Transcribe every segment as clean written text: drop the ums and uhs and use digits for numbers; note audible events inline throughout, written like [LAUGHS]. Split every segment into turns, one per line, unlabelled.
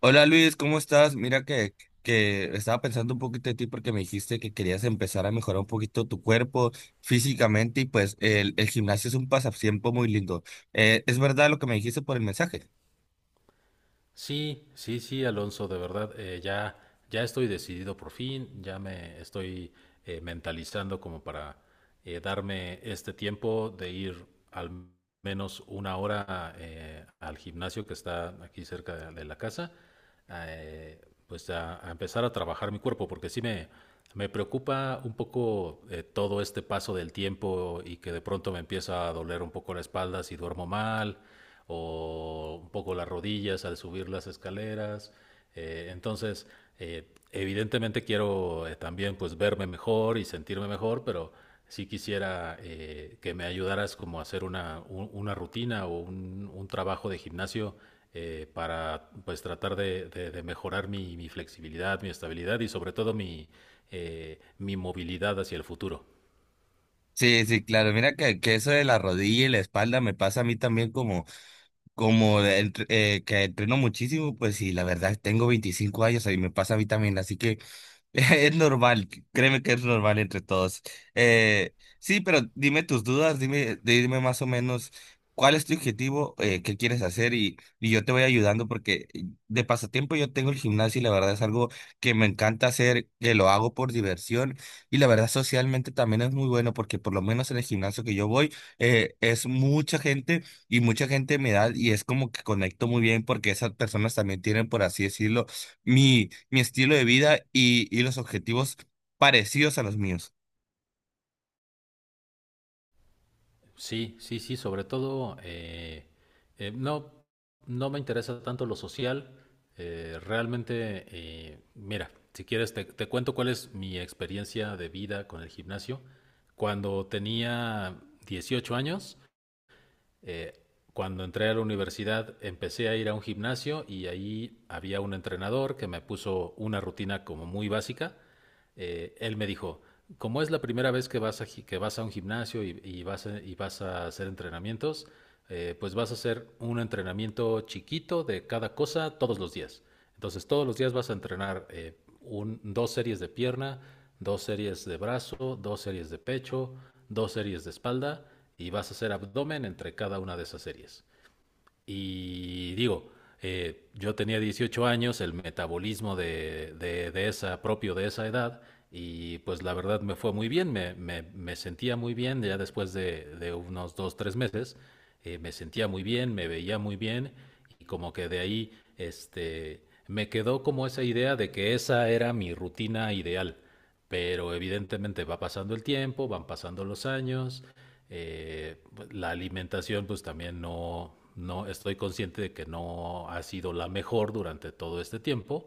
Hola, Luis, ¿cómo estás? Mira que estaba pensando un poquito de ti porque me dijiste que querías empezar a mejorar un poquito tu cuerpo físicamente, y pues el gimnasio es un pasatiempo muy lindo. ¿Es verdad lo que me dijiste por el mensaje?
Sí, sí, sí, Alonso, de verdad, ya, ya estoy decidido por fin. Ya me estoy mentalizando como para darme este tiempo de ir al menos una hora al gimnasio que está aquí cerca de la casa, eh, pues a empezar a trabajar mi cuerpo, porque me preocupa un poco, todo este paso del tiempo, y que de pronto me empieza a doler un poco la espalda si duermo mal, o un poco las rodillas al subir las escaleras. Eh, entonces, Evidentemente quiero, también, pues verme mejor y sentirme mejor, pero sí quisiera que me ayudaras como a hacer una rutina o un trabajo de gimnasio para pues tratar de mejorar mi flexibilidad, mi estabilidad y sobre todo mi movilidad hacia el futuro.
Sí, sí, claro. Mira que eso de la rodilla y la espalda me pasa a mí también, como... Como que entreno muchísimo, pues sí, la verdad, tengo 25 años y me pasa a mí también, así que [LAUGHS] es normal, créeme que es normal entre todos. Sí, pero dime tus dudas, dime, dime más o menos cuál es tu objetivo, qué quieres hacer, y yo te voy ayudando, porque de pasatiempo yo tengo el gimnasio y la verdad es algo que me encanta hacer, que lo hago por diversión. Y la verdad, socialmente también es muy bueno, porque por lo menos en el gimnasio que yo voy es mucha gente, y mucha gente me da, y es como que conecto muy bien porque esas personas también tienen, por así decirlo, mi estilo de vida, y los objetivos parecidos a los míos.
Sí, sí, sí, sobre todo no, no me interesa tanto lo social. Realmente, mira, si quieres te cuento cuál es mi experiencia de vida con el gimnasio. Cuando tenía 18 años, eh, cuando entré a la universidad empecé a ir a un gimnasio, y ahí había un entrenador que me puso una rutina como muy básica. Él me dijo: como es la primera vez que que vas a un gimnasio y y vas a hacer entrenamientos, pues vas a hacer un entrenamiento chiquito de cada cosa todos los días. Entonces todos los días vas a entrenar, dos series de pierna, dos series de brazo, dos series de pecho, dos series de espalda, y vas a hacer abdomen entre cada una de esas series. Y digo, yo tenía 18 años, el metabolismo de esa, propio de esa edad, y pues la verdad me fue muy bien. Me sentía muy bien. Ya después de unos dos, tres meses, me sentía muy bien, me veía muy bien, y como que de ahí este, me quedó como esa idea de que esa era mi rutina ideal. Pero evidentemente va pasando el tiempo, van pasando los años. eh, la alimentación pues también, no, no estoy consciente de que no ha sido la mejor durante todo este tiempo.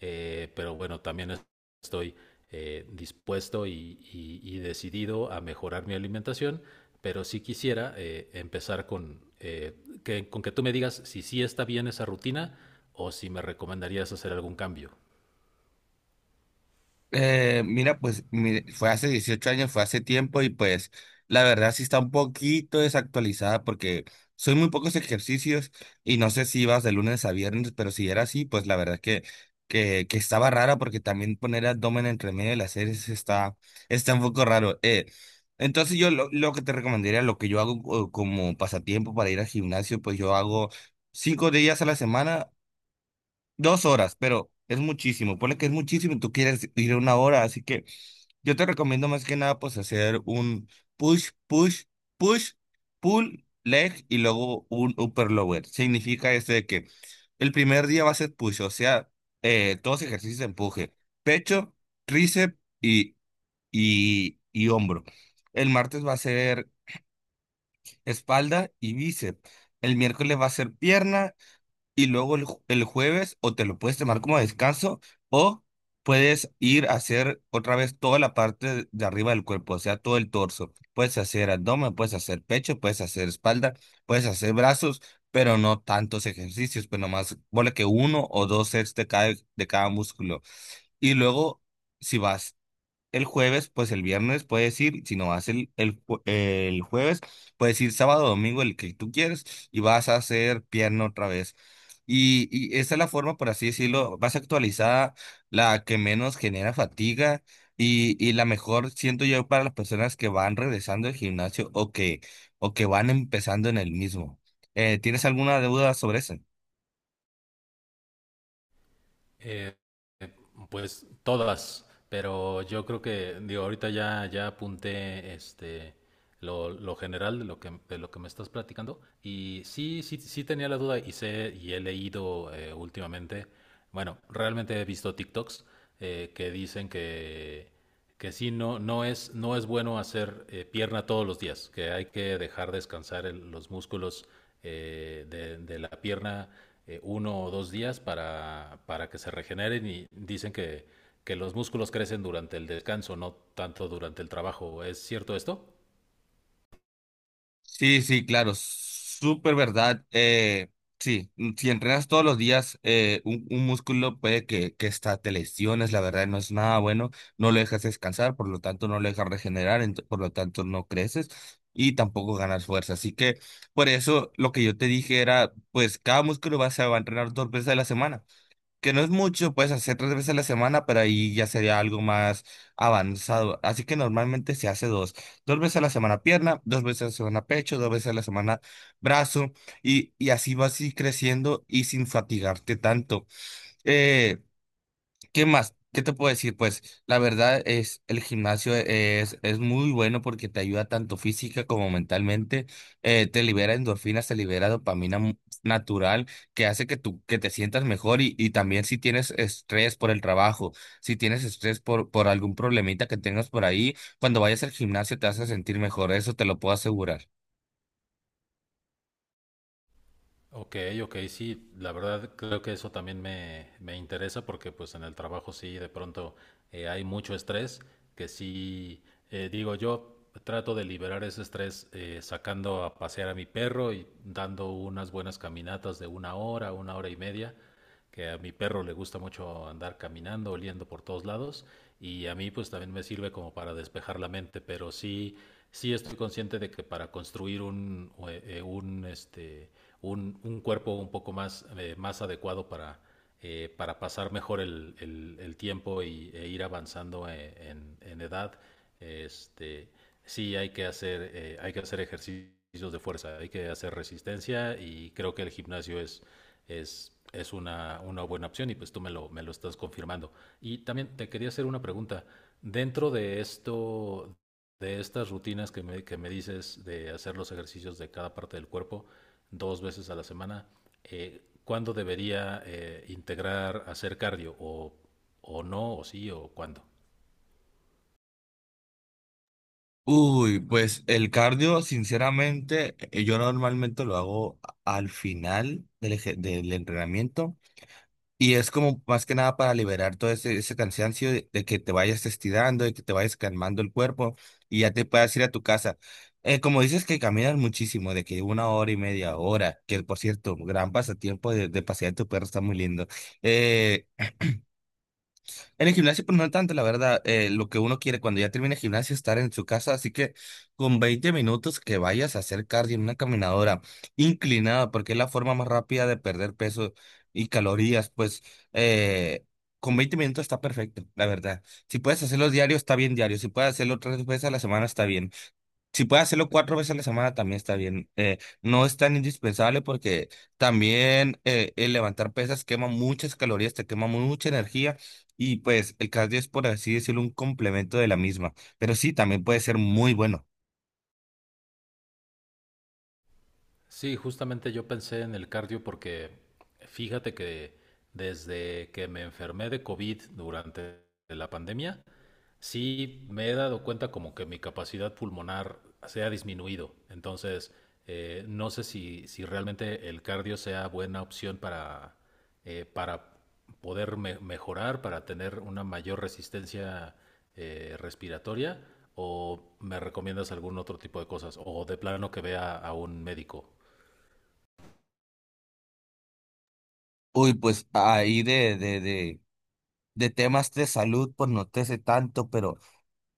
Pero bueno, también estoy dispuesto y decidido a mejorar mi alimentación, pero sí quisiera empezar con que tú me digas si sí está bien esa rutina, o si me recomendarías hacer algún cambio.
Mira, pues mire, fue hace 18 años, fue hace tiempo, y pues la verdad sí está un poquito desactualizada porque son muy pocos ejercicios, y no sé si ibas de lunes a viernes, pero si era así, pues la verdad que, que estaba rara, porque también poner abdomen entre medio de las series está, está un poco raro. Entonces lo que te recomendaría, lo que yo hago como pasatiempo para ir al gimnasio, pues yo hago cinco días a la semana. Dos horas, pero es muchísimo. Ponle que es muchísimo, y tú quieres ir una hora. Así que yo te recomiendo, más que nada, pues hacer un push, push, push, pull, leg, y luego un upper lower. Significa esto de que el primer día va a ser push, o sea, todos ejercicios de empuje: pecho, tríceps y, y hombro. El martes va a ser espalda y bíceps. El miércoles va a ser pierna, y luego el jueves o te lo puedes tomar como descanso, o puedes ir a hacer otra vez toda la parte de arriba del cuerpo, o sea, todo el torso. Puedes hacer abdomen, puedes hacer pecho, puedes hacer espalda, puedes hacer brazos, pero no tantos ejercicios, pero nomás ponle que uno o dos sets de cada músculo. Y luego, si vas el jueves, pues el viernes puedes ir; si no vas el jueves, puedes ir sábado, domingo, el que tú quieres, y vas a hacer pierna otra vez. Y esa es la forma, por así decirlo, más actualizada, la que menos genera fatiga, y la mejor, siento yo, para las personas que van regresando al gimnasio, o que van empezando en el mismo. ¿Tienes alguna duda sobre eso?
Eh, pues todas, pero yo creo que, digo, ahorita ya, ya apunté lo general de lo que me estás platicando. Y sí, sí, sí tenía la duda, y sé, y he leído últimamente, bueno, realmente he visto TikToks que dicen que sí, no es bueno hacer, pierna todos los días, que hay que dejar descansar los músculos, de la pierna uno o dos días para que se regeneren, y dicen que los músculos crecen durante el descanso, no tanto durante el trabajo. ¿Es cierto esto?
Sí, sí, claro, súper verdad. Sí. Si entrenas todos los días, un músculo puede que hasta te lesiones, la verdad no es nada bueno, no lo dejas descansar, por lo tanto no lo dejas regenerar, por lo tanto no creces y tampoco ganas fuerza. Así que por eso lo que yo te dije era, pues cada músculo se va a entrenar dos veces a la semana, que no es mucho, puedes hacer tres veces a la semana, pero ahí ya sería algo más avanzado. Así que normalmente se hace dos. Dos veces a la semana pierna, dos veces a la semana pecho, dos veces a la semana brazo, y así vas a ir creciendo y sin fatigarte tanto. Eh, ¿Qué más? ¿Qué te puedo decir? Pues la verdad, es el gimnasio es muy bueno porque te ayuda tanto física como mentalmente. Te libera endorfinas, te libera dopamina natural, que hace que tú que te sientas mejor, y también si tienes estrés por el trabajo, si tienes estrés por algún problemita que tengas por ahí, cuando vayas al gimnasio te hace sentir mejor, eso te lo puedo asegurar.
Ok, ok, sí, la verdad creo que eso también me interesa, porque pues en el trabajo sí de pronto hay mucho estrés que sí. Digo, yo trato de liberar ese estrés sacando a pasear a mi perro y dando unas buenas caminatas de una hora y media, que a mi perro le gusta mucho andar caminando, oliendo por todos lados. Y a mí pues también me sirve como para despejar la mente. Pero sí, sí estoy consciente de que para construir un cuerpo un poco más, más adecuado para pasar mejor el tiempo, y, e ir avanzando en edad, este, sí hay que hacer ejercicios de fuerza, hay que hacer resistencia. Y creo que el gimnasio es una buena opción, y pues tú me me lo estás confirmando. Y también te quería hacer una pregunta. Dentro de esto, de estas rutinas que que me dices, de hacer los ejercicios de cada parte del cuerpo dos veces a la semana, ¿cuándo debería, integrar hacer cardio? ¿O no? ¿O sí? ¿O cuándo?
Uy, pues el cardio, sinceramente, yo normalmente lo hago al final del entrenamiento. Y es como más que nada para liberar todo ese, ese cansancio, de que te vayas estirando, de que te vayas calmando el cuerpo, y ya te puedas ir a tu casa. Como dices que caminas muchísimo, de que una hora y media hora, que por cierto, gran pasatiempo, de pasear tu perro, está muy lindo. Eh, en el gimnasio, pues no tanto, la verdad, lo que uno quiere cuando ya termina el gimnasio es estar en su casa, así que con 20 minutos que vayas a hacer cardio en una caminadora inclinada, porque es la forma más rápida de perder peso y calorías, pues eh, con 20 minutos está perfecto, la verdad. Si puedes hacerlo diario, está bien diario; si puedes hacerlo tres veces a la semana, está bien. Si puede hacerlo cuatro veces a la semana, también está bien. No es tan indispensable porque también el levantar pesas quema muchas calorías, te quema mucha energía, y pues el cardio es, por así decirlo, un complemento de la misma. Pero sí, también puede ser muy bueno.
Sí, justamente yo pensé en el cardio, porque fíjate que desde que me enfermé de COVID durante la pandemia, sí me he dado cuenta como que mi capacidad pulmonar se ha disminuido. Entonces, no sé si, si realmente el cardio sea buena opción para poder mejorar, para tener una mayor resistencia respiratoria, o me recomiendas algún otro tipo de cosas, o de plano que vea a un médico.
Uy, pues ahí de temas de salud, pues no te sé tanto, pero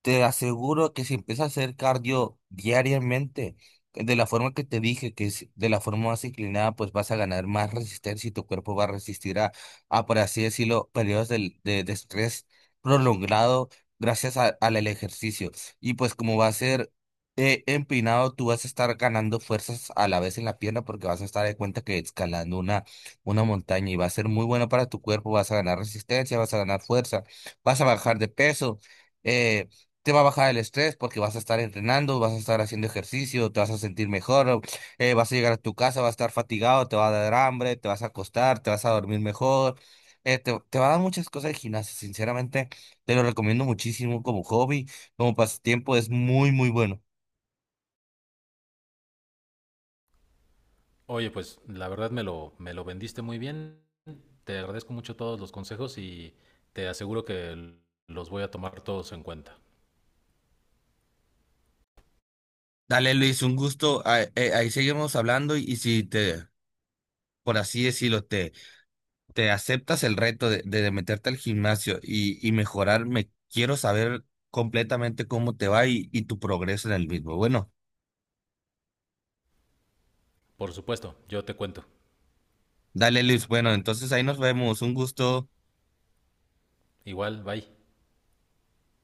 te aseguro que si empiezas a hacer cardio diariamente, de la forma que te dije, que es de la forma más inclinada, pues vas a ganar más resistencia, y tu cuerpo va a resistir a por así decirlo, periodos de estrés prolongado gracias al el ejercicio. Y pues como va a ser empinado, tú vas a estar ganando fuerzas a la vez en la pierna porque vas a estar de cuenta que escalando una montaña, y va a ser muy bueno para tu cuerpo, vas a ganar resistencia, vas a ganar fuerza, vas a bajar de peso. Eh, Te va a bajar el estrés porque vas a estar entrenando, vas a estar haciendo ejercicio, te vas a sentir mejor, vas a llegar a tu casa, vas a estar fatigado, te va a dar hambre, te vas a acostar, te vas a dormir mejor, te va a dar muchas cosas de gimnasia, sinceramente, te lo recomiendo muchísimo como hobby, como pasatiempo, es muy, muy bueno.
Oye, pues la verdad me me lo vendiste muy bien. Te agradezco mucho todos los consejos, y te aseguro que los voy a tomar todos en cuenta.
Dale, Luis, un gusto, ah, ahí seguimos hablando, y si te, por así decirlo, te... te aceptas el reto de meterte al gimnasio y mejorar, me quiero saber completamente cómo te va, y tu progreso en el mismo. Bueno,
Por supuesto, yo te cuento.
dale, Luis, bueno, entonces ahí nos vemos, un gusto.
Igual, bye.